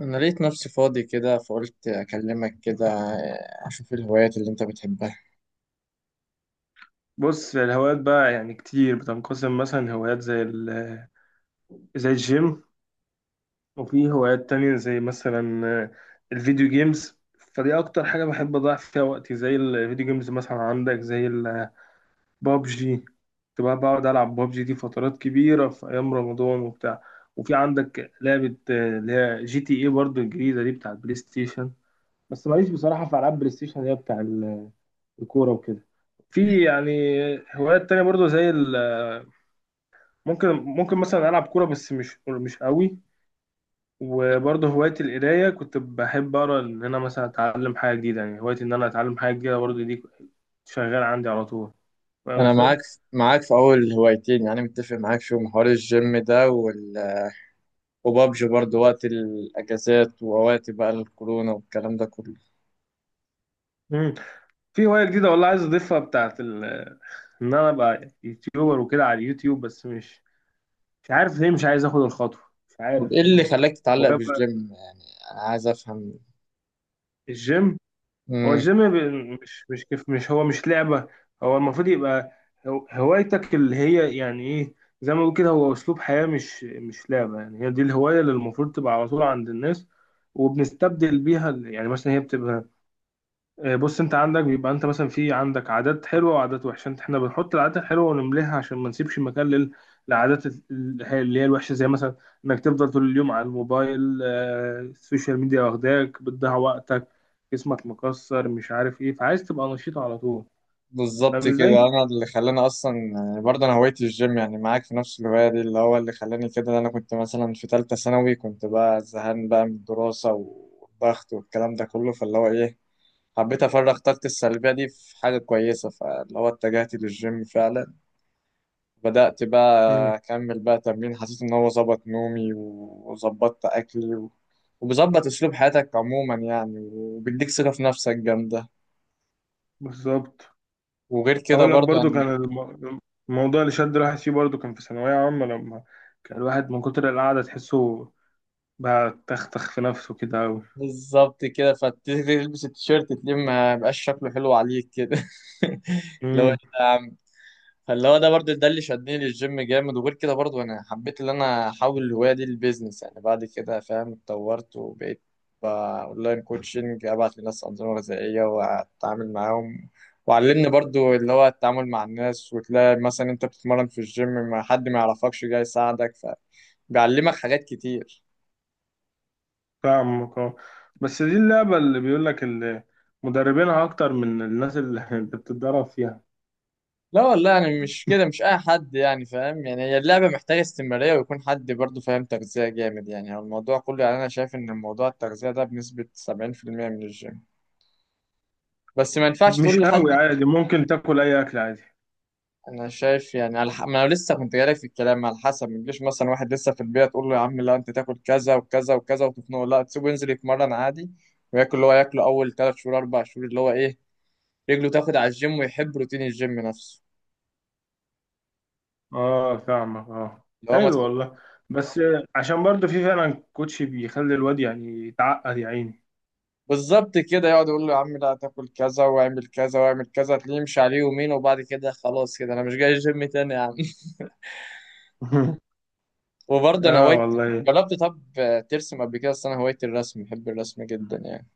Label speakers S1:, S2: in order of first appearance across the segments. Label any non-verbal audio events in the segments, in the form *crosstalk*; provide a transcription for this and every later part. S1: أنا لقيت نفسي فاضي كده فقلت أكلمك كده أشوف الهوايات اللي أنت بتحبها.
S2: بص، الهوايات بقى يعني كتير بتنقسم مثلا هوايات زي الجيم. وفي هوايات تانية زي مثلا الفيديو جيمز. فدي أكتر حاجة بحب أضيع فيها وقتي زي الفيديو جيمز. مثلا عندك زي البابجي، كنت بقى بقعد ألعب بابجي دي فترات كبيرة في أيام رمضان وبتاع. وفي عندك لعبة اللي هي جي تي إيه برضه الجديدة دي، بتاع البلاي ستيشن. بس ماليش بصراحة في ألعاب بلاي ستيشن اللي هي بتاع الكورة وكده. في يعني هوايات تانية برضه زي ال آه، ممكن مثلا العب كوره بس مش قوي. وبرضه هوايتي القرايه، كنت بحب اقرا ان انا مثلا اتعلم حاجه جديده. يعني هوايتي ان انا اتعلم حاجه جديده برضه دي شغاله عندي على طول. فاهم
S1: أنا معاك
S2: ازاي؟
S1: معاك في أول هوايتين، يعني متفق معاك. شو محور الجيم ده وبابجي برضه وقت الأجازات ووقت بقى الكورونا والكلام ده كله.
S2: مم. في هوايه جديده والله عايز اضيفها بتاعت ان انا ابقى يوتيوبر وكده على اليوتيوب، بس مش عارف ليه مش عايز اخد الخطوه. مش
S1: طب إيه
S2: عارف
S1: اللي
S2: يعني.
S1: خلاك
S2: هو
S1: تتعلق
S2: يبقى
S1: بالجيم يعني؟ أنا عايز أفهم.
S2: الجيم، هو الجيم مش كيف، مش هو مش لعبة. هو المفروض يبقى هوايتك اللي هي يعني ايه. زي ما بقول كده، هو اسلوب حياة مش لعبة. يعني هي دي الهواية اللي المفروض تبقى على طول عند الناس. وبنستبدل بيها يعني مثلا هي بتبقى. بص، انت عندك بيبقى انت مثلا في عندك عادات حلوه وعادات وحشه. انت احنا بنحط العادات الحلوه ونمليها عشان ما نسيبش مكان للعادات اللي هي الوحشه، زي مثلا انك تفضل طول اليوم على الموبايل، السوشيال ميديا واخداك بتضيع وقتك. جسمك مكسر، مش عارف ايه، فعايز تبقى نشيط على طول.
S1: بالظبط
S2: فاهم
S1: كده،
S2: ازاي؟
S1: انا اللي خلاني اصلا يعني، برضه انا هوايتي الجيم، يعني معاك في نفس الهوايه دي. اللي هو اللي خلاني كده إن انا كنت مثلا في ثالثه ثانوي، كنت بقى زهقان بقى من الدراسه والضغط والكلام ده كله، فاللي هو ايه حبيت افرغ طاقتي السلبيه دي في حاجه كويسه، فاللي هو اتجهت للجيم فعلا. بدات بقى
S2: مم.
S1: اكمل بقى تمرين، حسيت ان هو ظبط نومي وظبطت اكلي وبيظبط اسلوب حياتك عموما يعني، وبيديك ثقه في نفسك جامده.
S2: بالظبط.
S1: وغير كده
S2: اقول لك
S1: برضه
S2: برضو
S1: يعني،
S2: كان الموضوع اللي شد الواحد فيه برضو كان في ثانويه عامه، لما كان الواحد من كتر القعده تحسه بقى تختخ في نفسه كده.
S1: بالظبط كده، فتلبس التيشيرت تلاقيه ما بقاش شكله حلو عليك كده *laughs* اللي هو إيه
S2: أوي.
S1: ده يا عم. فاللي هو ده برضه ده اللي شدني للجيم جامد، وغير كده برضه انا حبيت ان انا احول الهوايه دي للبيزنس يعني بعد كده فاهم، اتطورت وبقيت اونلاين كوتشنج، ابعت لناس انظمه غذائيه واتعامل معاهم. وعلمني برضه اللي هو التعامل مع الناس، وتلاقي مثلا انت بتتمرن في الجيم ما حد ما يعرفكش جاي يساعدك، فبيعلمك حاجات كتير.
S2: فاهمك اه. بس دي اللعبة اللي بيقول لك مدربينها أكتر من الناس اللي *laughs* أنت بتتدرب فيها.
S1: لا والله يعني مش كده، مش اي حد يعني فاهم، يعني هي اللعبه محتاجه استمراريه ويكون حد برضه فاهم تغذيه جامد يعني. هو الموضوع كله يعني، انا شايف ان الموضوع التغذيه ده بنسبه 70% من الجيم. بس ما ينفعش
S2: مش
S1: تقول لحد.
S2: قوي عادي، ممكن تاكل أي أكل عادي.
S1: انا شايف يعني ما انا لسه كنت جاي في الكلام، على حسب ما تجيش مثلا واحد لسه في البيئه تقول له يا عم لا انت تاكل كذا وكذا وكذا وتخنقه، لا تسيبه ينزل يتمرن عادي وياكل اللي هو ياكله. اول ثلاث شهور اربع شهور اللي هو ايه، رجله تاخد على الجيم ويحب روتين الجيم نفسه.
S2: اه، فاهمك اه.
S1: اللي هو ما
S2: حلو والله. بس عشان برضه في فعلا كوتش بيخلي الواد يعني يتعقد يا عيني.
S1: بالظبط كده، يقعد يقول له يا عم لا تاكل كذا واعمل كذا واعمل كذا، تلاقيه يمشي عليه يومين وبعد كده خلاص كده انا مش جاي الجيم تاني يا عم.
S2: *laughs*
S1: *laughs* وبرضه انا
S2: اه
S1: هوايت،
S2: والله.
S1: جربت طب ترسم قبل كده؟ اصل انا هوايتي الرسم، بحب الرسم جدا يعني.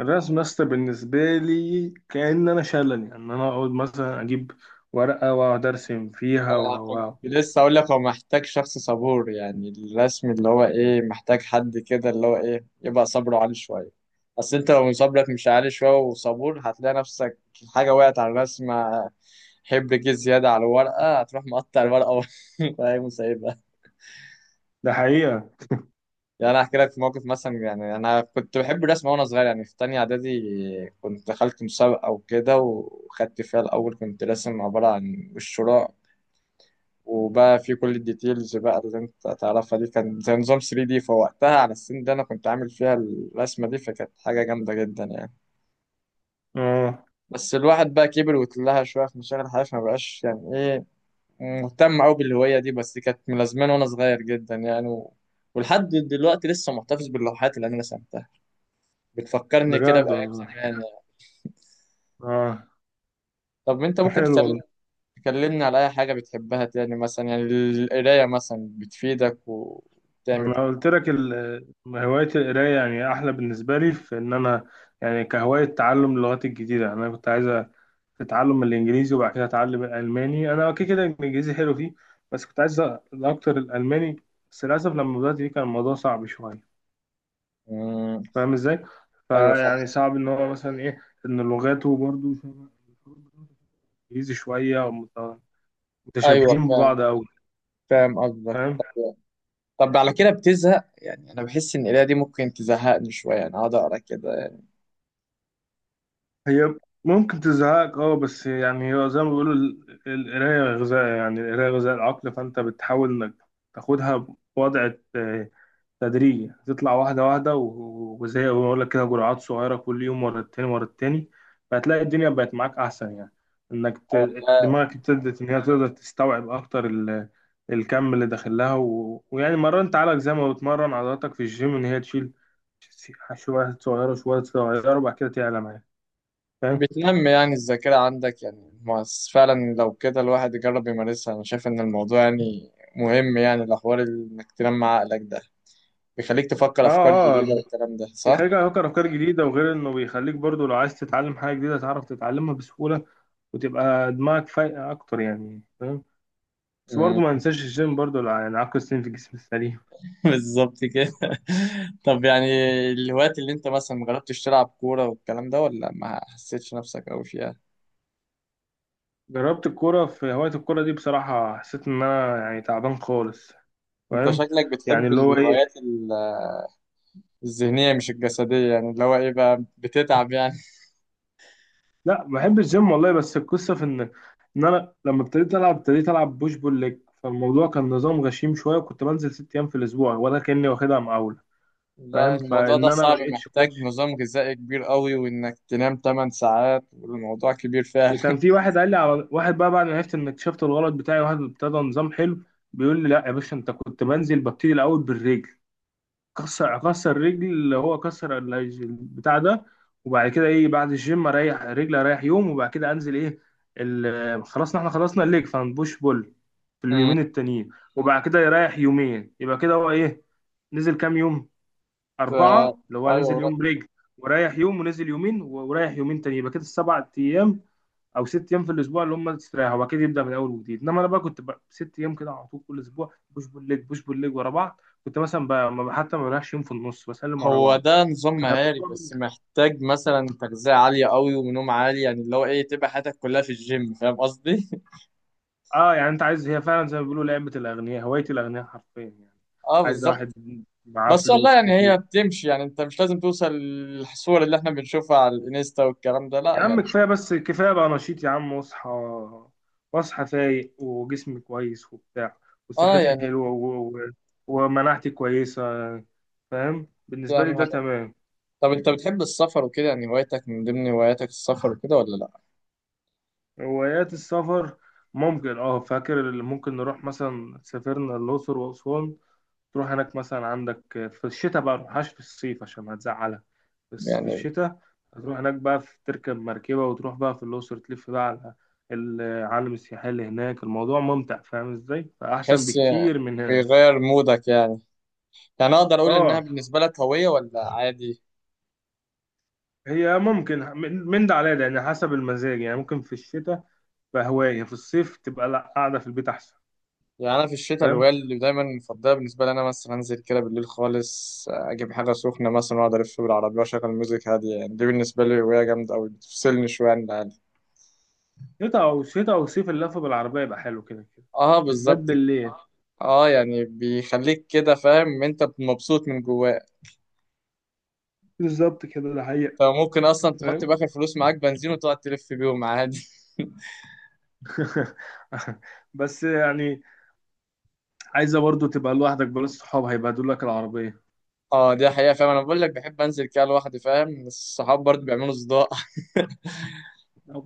S2: الرسم يا اسطى بالنسبة لي كأن أنا شلل. يعني أنا أقعد مثلا أجيب ورقة وأقعد أرسم فيها و
S1: انا كنت
S2: و و-
S1: لسه اقول لك هو محتاج شخص صبور يعني، الرسم اللي هو ايه محتاج حد كده اللي هو ايه يبقى صبره عالي شويه، اصل انت لو صبرك مش عالي شويه وصبور هتلاقي نفسك حاجه وقعت على الرسمه، حبر جه زياده على الورقه هتروح مقطع الورقه *laughs* وهي مسيبها.
S2: ده حقيقة.
S1: يعني انا احكي لك في موقف مثلا، يعني انا كنت بحب الرسم وانا صغير يعني في تانية اعدادي، كنت دخلت مسابقة وكده وخدت فيها الاول، كنت راسم عبارة عن وش راء، وبقى في كل الديتيلز بقى اللي انت تعرفها دي، كان زي نظام 3 دي، فوقتها على السن ده انا كنت عامل فيها الرسمة دي فكانت حاجة جامدة جدا يعني.
S2: اه،
S1: بس الواحد بقى كبر واتلهى شوية في مشاغل الحياة، فما بقاش يعني ايه مهتم قوي بالهواية دي، بس كانت ملازماني وانا صغير جدا يعني ولحد دلوقتي لسه محتفظ باللوحات اللي انا رسمتها، بتفكرني كده
S2: بجد
S1: بأيام
S2: والله،
S1: زمان يعني.
S2: اه.
S1: طب انت ممكن
S2: حلو والله.
S1: تكلمني على أي حاجة بتحبها تاني مثلا، يعني القراية مثلا بتفيدك وبتعمل.
S2: انا قلت لك هوايه القرايه يعني احلى بالنسبه لي في ان انا يعني كهوايه تعلم اللغات الجديده. يعني انا كنت عايز اتعلم الانجليزي وبعد كده اتعلم الالماني. انا كده كده الانجليزي حلو فيه. بس كنت عايز اكتر الالماني. بس للاسف لما بدات فيه كان الموضوع صعب شويه.
S1: مم.
S2: فاهم ازاي؟
S1: أيوه فاهم.
S2: فيعني صعب ان هو مثلا ايه، ان لغاته برضو الانجليزي شويه، أو
S1: أيوه
S2: متشابهين
S1: فاهم،
S2: ببعض قوي.
S1: فاهم قصدك. طب طب على كده بتزهق يعني؟ أنا بحس إن القراية دي ممكن تزهقني شوية يعني، أقعد أقرا كده يعني
S2: هي ممكن تزهقك اه، بس يعني هو زي ما بيقولوا القراية غذاء، يعني القراية غذاء العقل. فانت بتحاول انك تاخدها بوضع تدريجي، تطلع واحدة واحدة وزي ما بقول لك كده، جرعات صغيرة كل يوم ورا التاني ورا التاني. فهتلاقي الدنيا بقت معاك أحسن يعني. إنك
S1: أو لا؟
S2: دماغك ابتدت إن هي تقدر تستوعب أكتر الكم اللي داخل لها، ويعني مرنت عليك زي ما بتمرن عضلاتك في الجيم إن هي تشيل شوية صغيرة شوية صغيرة، وبعد كده تعلى معاك. فاهم؟
S1: بتنمي يعني الذاكرة عندك يعني، ما بس فعلا لو كده الواحد يجرب يمارسها. أنا شايف إن الموضوع يعني مهم، يعني الأحوال إنك تنمي عقلك ده بيخليك تفكر
S2: اه،
S1: أفكار جديدة
S2: اه.
S1: والكلام ده، صح؟
S2: بيخليك تفكر افكار جديده، وغير انه بيخليك برضو لو عايز تتعلم حاجه جديده تعرف تتعلمها بسهوله. وتبقى دماغك فايقه اكتر يعني. فاهم؟ بس برضو
S1: مم.
S2: ما ننساش الجيم برضو، يعني عقل السليم في الجسم السليم.
S1: *laughs* بالظبط كده. *laughs* طب يعني الوقت اللي انت مثلا مجربتش تلعب كورة والكلام ده، ولا ما حسيتش نفسك أوي فيها؟
S2: جربت الكوره. في هوايه الكوره دي بصراحه حسيت ان انا يعني تعبان خالص.
S1: انت
S2: فاهم؟
S1: شكلك
S2: يعني
S1: بتحب
S2: اللي هو ايه.
S1: الهوايات الذهنية مش الجسدية، يعني اللي هو ايه بقى بتتعب يعني.
S2: لا، بحب الجيم والله. بس القصه في ان ان انا لما ابتديت العب بوش بول ليج. فالموضوع كان نظام غشيم شويه، وكنت بنزل 6 ايام في الاسبوع ولا كاني واخدها مقاوله.
S1: لا
S2: فاهم؟
S1: الموضوع
S2: فان
S1: ده
S2: انا ما
S1: صعب،
S2: لقيتش كوتش.
S1: محتاج نظام غذائي كبير قوي وانك تنام 8 ساعات، والموضوع كبير فعلا.
S2: وكان في
S1: *laughs*
S2: واحد قال لي على واحد بقى بعد ما عرفت ان اكتشفت الغلط بتاعي. واحد ابتدى نظام حلو، بيقول لي: لا يا باشا، انت كنت بنزل ببتدي الاول بالرجل، اكسر رجل، اللي هو كسر البتاع ده. وبعد كده ايه، بعد الجيم اريح رجل، اريح يوم، وبعد كده انزل ايه، خلاص احنا خلصنا الليج فهنبوش بول في
S1: مم.
S2: اليومين التانيين. وبعد كده يريح يومين، يبقى كده هو ايه، نزل كام يوم؟
S1: ف...
S2: أربعة. اللي هو
S1: ايوه
S2: نزل
S1: لا،
S2: يوم برجل، وريح يوم، ونزل يومين، وريح يومين تاني، يبقى كده السبع أيام او 6 ايام في الاسبوع. اللي هم استرياح هو اكيد يبدا من اول وجديد. انما انا بقى كنت بقى 6 ايام كده على طول كل اسبوع بوش بول ليج بوش بول ليج ورا بعض. كنت مثلا بقى حتى ما بلاش يوم في النص، بسلم ورا
S1: هو
S2: بعض.
S1: ده نظام مهاري بس محتاج مثلا تغذية عالية قوي ونوم عالي، يعني اللي هو ايه تبقى حياتك كلها في الجيم، فاهم قصدي؟
S2: اه يعني انت عايز. هي فعلا زي ما بيقولوا لعبه الاغنياء، هوايه الاغنياء حرفيا يعني.
S1: اه
S2: عايز واحد
S1: بالظبط.
S2: معاه
S1: بس والله
S2: فلوس
S1: يعني
S2: كتير.
S1: هي بتمشي، يعني انت مش لازم توصل للصور اللي احنا بنشوفها على الانستا والكلام ده،
S2: يا
S1: لا
S2: عم
S1: يعني.
S2: كفايه، بس كفايه بقى نشيط يا عم، واصحى فايق وجسمي كويس وبتاع،
S1: اه
S2: وصحتي
S1: يعني
S2: حلوه. ومناعتي كويسه. فاهم،
S1: دي
S2: بالنسبه لي
S1: اهم
S2: ده
S1: حاجه.
S2: تمام.
S1: طب انت بتحب السفر وكده يعني؟ هوايتك من ضمن هواياتك السفر وكده ولا لا
S2: هوايات السفر ممكن اه، فاكر اللي ممكن نروح مثلا، سافرنا الأقصر وأسوان. تروح هناك مثلا عندك في الشتاء، بقى متروحهاش في الصيف عشان هتزعلها. بس في
S1: يعني؟
S2: الشتاء هتروح هناك بقى، في تركب مركبة وتروح بقى في الأقصر، تلف بقى على العالم السياحي اللي هناك. الموضوع ممتع، فاهم ازاي؟ فأحسن
S1: تحس
S2: بكتير من هنا.
S1: بيغير مودك يعني؟ يعني اقدر اقول انها
S2: اه.
S1: بالنسبه لك هويه ولا عادي؟
S2: هي ممكن من ده على ده، يعني حسب المزاج. يعني ممكن في الشتاء بقى هواية، في الصيف تبقى لا، قاعدة في البيت أحسن.
S1: يعني انا في الشتاء
S2: فاهم،
S1: الهوايه اللي دايما مفضله بالنسبه لي، انا مثلا انزل كده بالليل خالص اجيب حاجه سخنه مثلا واقعد الف بالعربيه واشغل ميوزك هاديه، يعني دي بالنسبه لي هوايه جامده قوي بتفصلني شويه عن العالم.
S2: شتاء او صيف اللف بالعربيه يبقى حلو كده كده.
S1: اه
S2: بالذات
S1: بالظبط.
S2: بالليل.
S1: اه يعني بيخليك كده فاهم ان انت مبسوط من جواك،
S2: بالظبط كده، ده حقيقة.
S1: فممكن اصلا تحط
S2: فاهم.
S1: باخر فلوس معاك بنزين وتقعد تلف بيهم عادي. *laughs*
S2: *laughs* بس يعني عايزه برضو تبقى لوحدك، بلا صحاب هيبهدلوا لك العربيه.
S1: اه دي حقيقة، فاهم انا بقول لك بحب انزل كده لوحدي، فاهم الصحاب برضه بيعملوا صداع.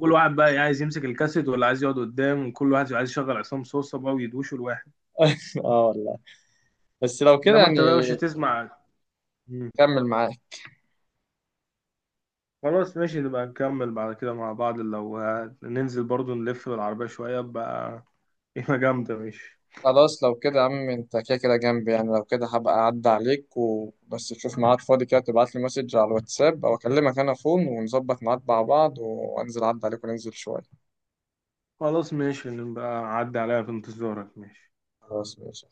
S2: كل واحد بقى عايز يمسك الكاسيت، ولا عايز يقعد قدام، وكل واحد عايز يشغل عصام صوصه بقى ويدوشوا الواحد.
S1: *laughs* اه والله. بس لو كده
S2: انما انت
S1: يعني
S2: بقى مش هتسمع. مم.
S1: كمل معاك.
S2: خلاص ماشي، نبقى نكمل بعد كده مع بعض لو ننزل برضو نلف بالعربيه شويه بقى. *laughs* قيمه جامده، ماشي.
S1: خلاص لو كده يا عم انت كده كده جنبي، يعني لو كده هبقى اعدي عليك، وبس تشوف ميعاد فاضي كده تبعت لي مسج على الواتساب او اكلمك انا فون، ونظبط ميعاد مع بعض وانزل اعدي عليك وننزل شوية.
S2: خلاص ماشي، نبقى عدي عليها في انتظارك، ماشي.
S1: خلاص ماشي.